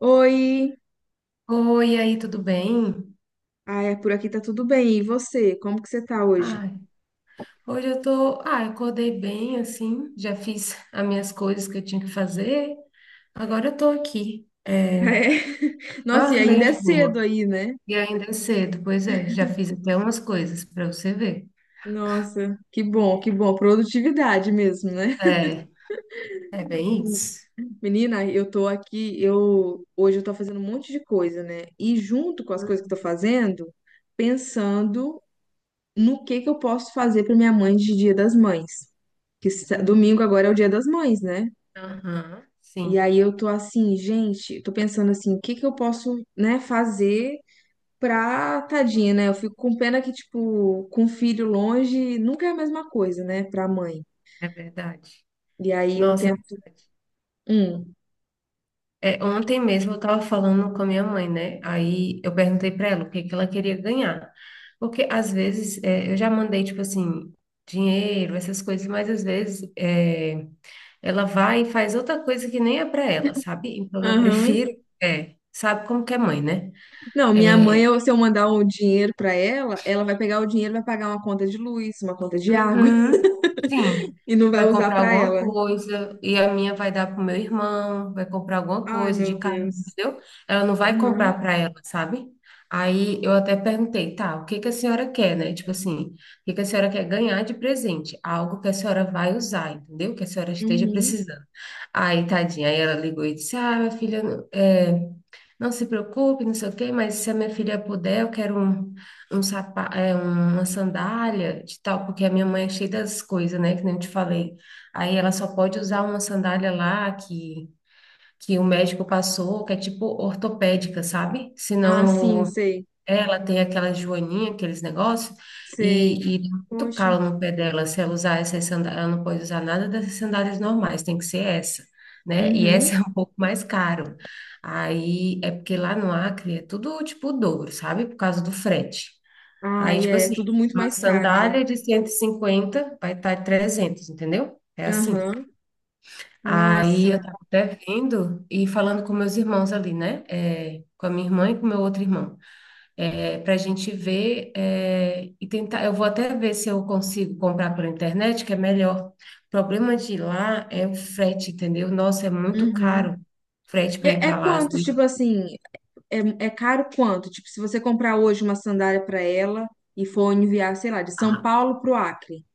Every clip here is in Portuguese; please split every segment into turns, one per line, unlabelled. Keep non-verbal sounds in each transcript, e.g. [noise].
Oi!
Oi, e aí, tudo bem?
Ai, é, por aqui tá tudo bem. E você? Como que você tá hoje?
Ai, hoje eu tô, acordei bem assim, já fiz as minhas coisas que eu tinha que fazer. Agora eu tô aqui.
É. [laughs] Nossa, e
Ah, bem
ainda é
de
cedo
boa.
aí, né?
E ainda é cedo, pois é, já fiz até umas coisas para você ver.
Nossa, que bom, que bom. Produtividade mesmo, né?
É, é. bem isso.
Menina, eu tô aqui, eu hoje eu tô fazendo um monte de coisa, né? E junto com as coisas que eu tô fazendo, pensando no que eu posso fazer pra minha mãe de Dia das Mães.
Uhum.
Domingo agora é o Dia das Mães, né?
Aham,
E
sim,
aí eu tô assim, gente, tô pensando assim, o que que eu posso, né, fazer pra tadinha, né? Eu fico com pena que, tipo, com filho longe nunca é a mesma coisa, né, pra mãe.
é verdade.
E aí eu
Nossa, é
tento.
verdade.
Hum.
É, ontem mesmo eu estava falando com a minha mãe, né? Aí eu perguntei para ela o que que ela queria ganhar. Porque às vezes é, eu já mandei, tipo assim, dinheiro, essas coisas, mas às vezes é, ela vai e faz outra coisa que nem é para ela, sabe? Então eu
Aham.
prefiro, é, sabe como que é mãe, né?
Não, minha mãe, se eu mandar um dinheiro pra ela, ela vai pegar o dinheiro, e vai pagar uma conta de luz, uma conta de água [laughs]
Uhum, sim,
e não vai
vai
usar
comprar
pra
alguma
ela.
coisa e a minha vai dar pro meu irmão, vai comprar alguma
Ai,
coisa de
meu
casa,
Deus.
entendeu? Ela não vai
Aham.
comprar para ela, sabe? Aí eu até perguntei, tá, o que que a senhora quer, né? Tipo assim, o que que a senhora quer ganhar de presente? Algo que a senhora vai usar, entendeu? Que a senhora esteja
Uhum.
precisando. Aí, tadinha, aí ela ligou e disse, ah, minha filha, é, não se preocupe, não sei o quê, mas se a minha filha puder, eu quero uma sandália de tal, porque a minha mãe é cheia das coisas, né, que nem eu te falei. Aí ela só pode usar uma sandália lá que o médico passou, que é tipo ortopédica, sabe?
Ah, sim, sei.
Ela tem aquela joaninha, aqueles negócios,
Sei.
e dá muito
Poxa.
calo no pé dela. Se ela usar essas sandálias, ela não pode usar nada dessas sandálias normais, tem que ser essa. Né? E
Uhum.
essa [laughs] é um pouco mais caro. Aí é porque lá no Acre é tudo tipo o dobro, sabe? Por causa do frete. Aí,
Ai,
tipo
é
assim,
tudo muito
uma
mais caro, né?
sandália de 150 vai estar 300, entendeu? É assim.
Aham.
Aí eu
Nossa.
tava até vendo e falando com meus irmãos ali, né? É, com a minha irmã e com meu outro irmão. É, pra gente ver e tentar. Eu vou até ver se eu consigo comprar pela internet, que é melhor. O problema de lá é o frete, entendeu? Nossa, é muito
Uhum.
caro o frete para ir
É,
para lá.
quantos, tipo
Assim.
assim, é, é caro quanto? Tipo, se você comprar hoje uma sandália para ela e for enviar, sei lá, de São
Ah,
Paulo pro Acre,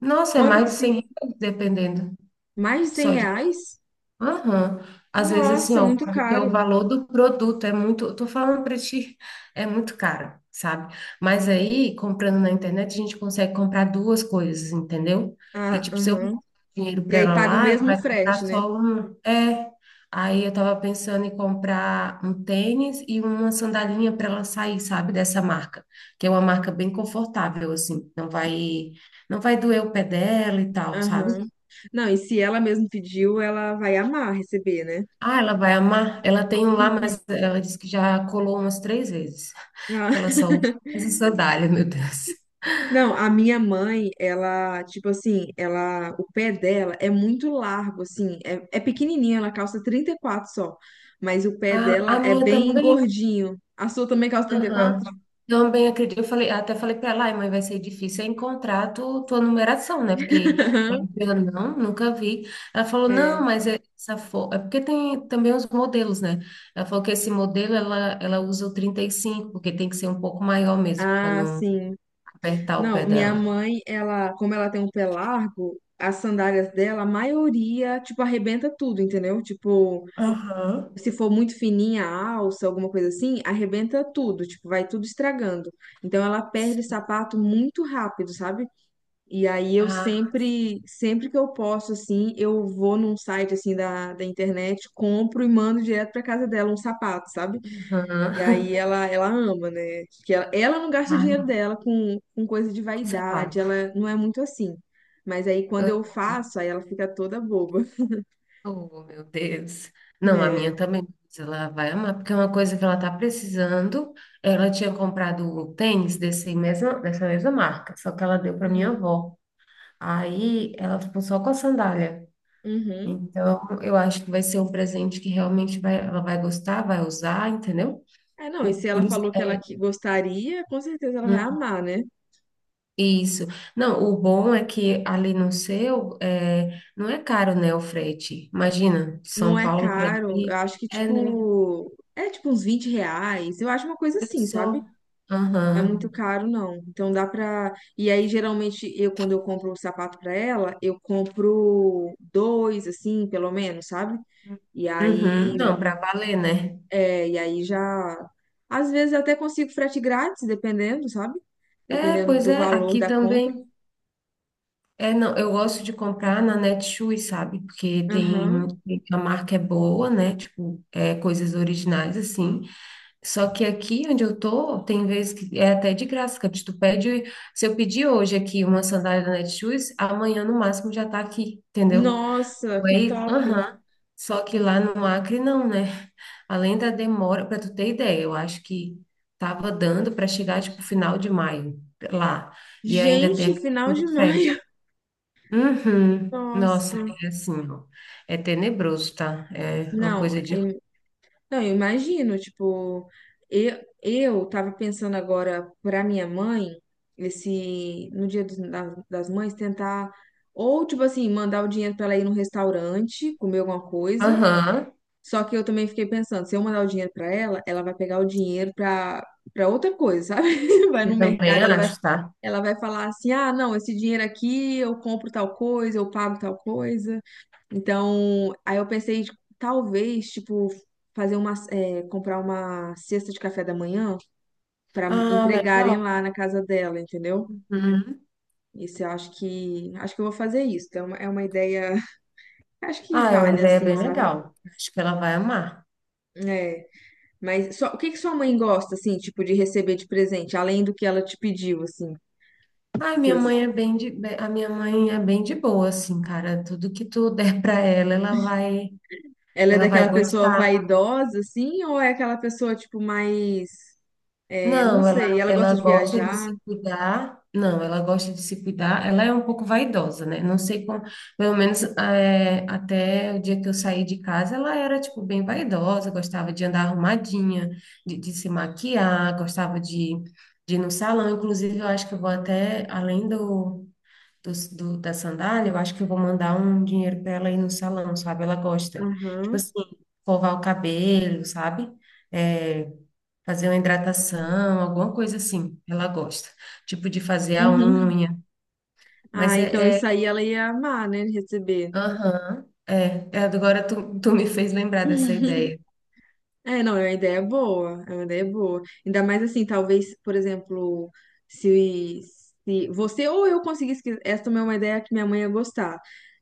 nossa, é
quanto
mais
que
de 100
fica?
reais, dependendo.
Mais de 100
Só de.
reais?
Aham. Às vezes, assim,
Nossa, é
ó,
muito
porque o
caro.
valor do produto é muito, eu tô falando para ti, é muito caro, sabe? Mas aí, comprando na internet, a gente consegue comprar duas coisas, entendeu? E,
Ah,
tipo, se eu mandar
aham.
dinheiro
E
para
aí
ela
paga o
lá, ela
mesmo
vai comprar
frete, né?
só um. É. Aí eu tava pensando em comprar um tênis e uma sandalinha para ela sair, sabe, dessa marca, que é uma marca bem confortável, assim, não vai doer o pé dela e tal, sabe?
Aham. Não, e se ela mesmo pediu, ela vai amar receber, né?
Ah, ela vai amar. Ela tem um lá, mas ela disse que já colou umas 3 vezes. [laughs]
Ah,
Que ela só usa essa sandália, meu Deus.
não, a minha mãe, ela, tipo assim, ela, o pé dela é muito largo, assim, é pequenininha, ela calça 34 só, mas o pé
A,
dela
a
é
minha
bem
também.
gordinho. A sua também calça 34?
Aham. Também acredito. Eu falei, até falei para ela, ai, mãe, vai ser difícil é encontrar tua numeração, né? Porque
[laughs]
eu não, nunca vi. Ela falou, não,
É.
mas é essa é porque tem também os modelos, né? Ela falou que esse modelo ela, usa o 35, porque tem que ser um pouco maior mesmo, para
Ah,
não
sim.
apertar o
Não,
pé
minha
dela.
mãe, ela, como ela tem um pé largo, as sandálias dela, a maioria, tipo, arrebenta tudo, entendeu? Tipo,
Aham.
se for muito fininha a alça, alguma coisa assim, arrebenta tudo, tipo, vai tudo estragando. Então ela perde sapato muito rápido, sabe? E aí eu sempre, sempre que eu posso, assim, eu vou num site, assim, da internet, compro e mando direto pra casa dela um sapato, sabe? E
Aham.
aí
[laughs]
ela ama, né? Que ela não gasta o
Ah,
dinheiro dela com coisa de vaidade,
conservado.
ela não é muito assim. Mas aí quando eu
Ah,
faço, aí ela fica toda boba.
oh, meu Deus.
[laughs]
Não, a
É.
minha também, mas ela vai amar, porque é uma coisa que ela tá precisando. Ela tinha comprado um tênis dessa mesma marca, só que ela deu para minha
Uhum.
avó. Aí ela ficou só com a sandália.
Uhum.
Então, eu acho que vai ser um presente que realmente vai, ela vai gostar, vai usar, entendeu?
É, não, e
O,
se
por
ela
isso.
falou que ela gostaria, com certeza ela vai amar, né?
Isso. Não, o bom é que ali no seu, é, não é caro, né, o frete. Imagina, de
Não
São
é
Paulo para
caro, eu
aqui.
acho que,
É, não.
tipo, é tipo uns R$ 20, eu acho uma coisa
Olha
assim, sabe?
só.
Não, é muito,
Aham.
uhum, caro, não. Então dá pra. E aí, geralmente, eu, quando eu compro o sapato pra ela, eu compro dois, assim, pelo menos, sabe? E
Uhum.
aí,
Não, para valer, né?
e aí já. Às vezes eu até consigo frete grátis, dependendo, sabe?
É,
Dependendo
pois
do
é,
valor
aqui
da compra.
também. É, não, eu gosto de comprar na Netshoes, sabe? Porque tem,
Aham.
a marca é boa, né? Tipo, é, coisas originais, assim. Só que aqui onde eu tô, tem vezes que é até de graça, que tu pede, se eu pedir hoje aqui uma sandália da Netshoes, amanhã no máximo já tá aqui, entendeu?
Nossa, que
Aí,
top!
aham. Só que lá no Acre não, né? Além da demora, para tu ter ideia, eu acho que tava dando para chegar tipo final de maio lá. E ainda tem
Gente,
a
final
questão
de
do frete.
maio. [laughs]
Uhum. Nossa,
Nossa.
é assim, ó. É tenebroso, tá? É uma
Não,
coisa de.
não, eu imagino, tipo, eu tava pensando agora pra minha mãe, esse, no dia das mães, tentar, ou, tipo assim, mandar o dinheiro pra ela ir num restaurante, comer alguma coisa.
Aham.
Só que eu também fiquei pensando, se eu mandar o dinheiro pra ela, ela vai pegar o dinheiro pra outra coisa, sabe? [laughs] Vai no
Eu também
mercado, ela vai,
acho, tá?
ela vai falar assim, ah, não, esse dinheiro aqui eu compro tal coisa, eu pago tal coisa. Então, aí eu pensei, tipo, talvez, tipo, comprar uma cesta de café da manhã para
Ah,
entregarem
legal.
lá na casa dela, entendeu?
Uhum.
Isso eu acho que eu vou fazer isso. Então, é uma ideia, [laughs] acho que
Ah, é uma
vale,
ideia
assim,
bem
sabe?
legal. Acho que ela vai amar.
É. Mas só, o que que sua mãe gosta, assim, tipo, de receber de presente, além do que ela te pediu, assim?
Ai, minha
Cês-
mãe é a minha mãe é bem de boa, assim, cara. Tudo que tu der pra ela,
Ela é
ela
daquela
vai
pessoa
gostar.
vaidosa, assim, ou é aquela pessoa, tipo, mais, não
Não, ela,
sei, ela
ela
gosta de
gosta de
viajar?
se cuidar. Não, ela gosta de se cuidar. Ela é um pouco vaidosa, né? Não sei como, pelo menos é, até o dia que eu saí de casa, ela era, tipo, bem vaidosa, gostava de andar arrumadinha, de se maquiar, gostava de ir no salão. Inclusive, eu acho que eu vou até além do da sandália, eu acho que eu vou mandar um dinheiro para ela ir no salão, sabe? Ela gosta. Tipo
Aham.
assim, escovar o cabelo, sabe? É, fazer uma hidratação, alguma coisa assim. Ela gosta. Tipo de fazer a
Uhum.
unha. Mas
Ah, então
é.
isso aí ela ia amar, né? Receber.
Aham. Agora tu me fez lembrar dessa ideia.
É, não, é uma ideia boa, é uma ideia boa. Ainda mais assim, talvez, por exemplo, se, se você ou eu conseguisse, essa também é uma ideia que minha mãe ia gostar.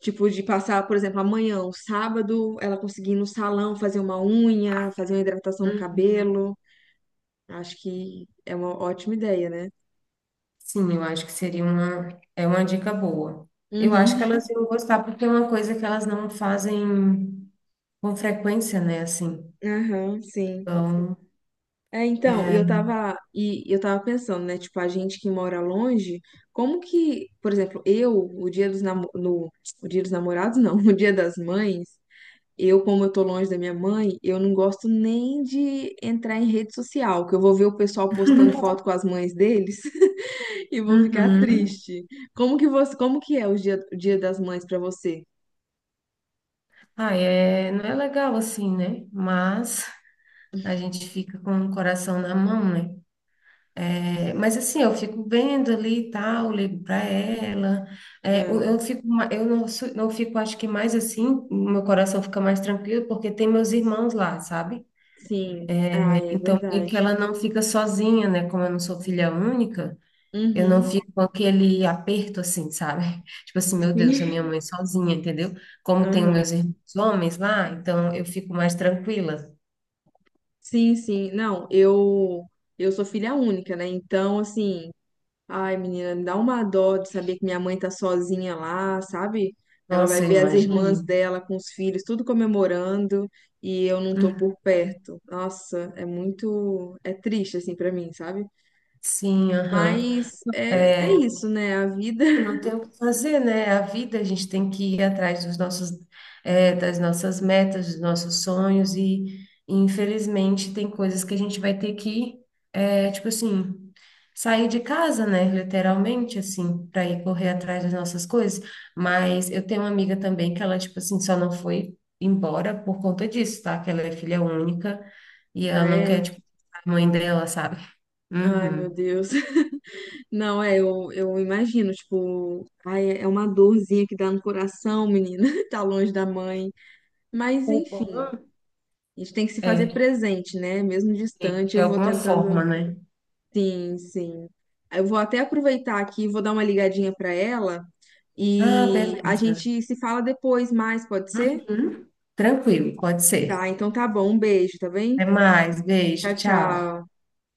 Tipo, de passar, por exemplo, amanhã, um sábado, ela conseguir ir no salão, fazer uma unha, fazer uma hidratação no
Hum,
cabelo. Acho que é uma ótima ideia, né?
Sim, eu acho que seria é uma dica boa. Eu acho que
Uhum.
elas iam gostar, porque é uma coisa que elas não fazem com frequência, né? Assim.
Aham, sim.
Então,
É, então, eu tava pensando, né, tipo, a gente que mora longe, como que, por exemplo, eu, o dia dos no, o dia dos namorados, não, [laughs] o dia das mães, eu, como eu tô longe da minha mãe, eu não gosto nem de entrar em rede social, que eu vou ver o pessoal postando foto com as mães deles [laughs] e eu vou ficar
uhum.
triste. Como que é o dia das mães pra você?
Ah, é, não é legal assim, né? Mas a gente fica com o coração na mão, né? É, mas assim, eu fico vendo ali e tal, ligo para ela. É, eu,
Ah,
eu fico, eu não, não fico, acho que mais assim, meu coração fica mais tranquilo porque tem meus irmãos lá, sabe?
sim, ah, é
Então, meio
verdade.
que ela não fica sozinha, né? Como eu não sou filha única. Eu não
Uhum,
fico com aquele aperto assim, sabe? [laughs] Tipo assim, meu Deus, a minha
sim,
mãe sozinha, entendeu? Como tenho meus
[laughs]
irmãos homens lá, então eu fico mais tranquila.
sim, sim. Não, eu sou filha única, né? Então, assim, ai, menina, me dá uma dó de saber que minha mãe tá sozinha lá, sabe? Ela vai
Nossa, eu
ver as irmãs
imagino.
dela com os filhos, tudo comemorando, e eu não tô
Hum,
por perto. Nossa, é triste assim pra mim, sabe?
Sim, aham.
Mas é
É,
isso, né? A vida.
não
[laughs]
tem o que fazer, né? A vida, a gente tem que ir atrás dos nossos, das nossas metas, dos nossos sonhos, infelizmente tem coisas que a gente vai ter que, tipo assim, sair de casa, né? Literalmente, assim, para ir correr atrás das nossas coisas. Mas eu tenho uma amiga também que ela, tipo assim, só não foi embora por conta disso, tá? Que ela é filha única e ela
Ah,
não quer,
é.
tipo, a mãe dela, sabe?
Ai, meu
Uhum.
Deus. [laughs] Não, eu imagino, tipo, ai, é uma dorzinha que dá no coração, menina, [laughs] tá longe da mãe. Mas,
O bom
enfim, a gente tem que se fazer
é,
presente, né? Mesmo
sim,
distante,
de
eu vou
alguma
tentando.
forma, né?
Sim, sim. Eu vou até aproveitar aqui, vou dar uma ligadinha para ela
Ah,
e a
beleza.
gente se fala depois mais, pode ser?
Uhum. Tranquilo, pode ser.
Tá, então tá bom. Um beijo, tá bem?
Até mais, beijo,
Tchau,
tchau.
tchau.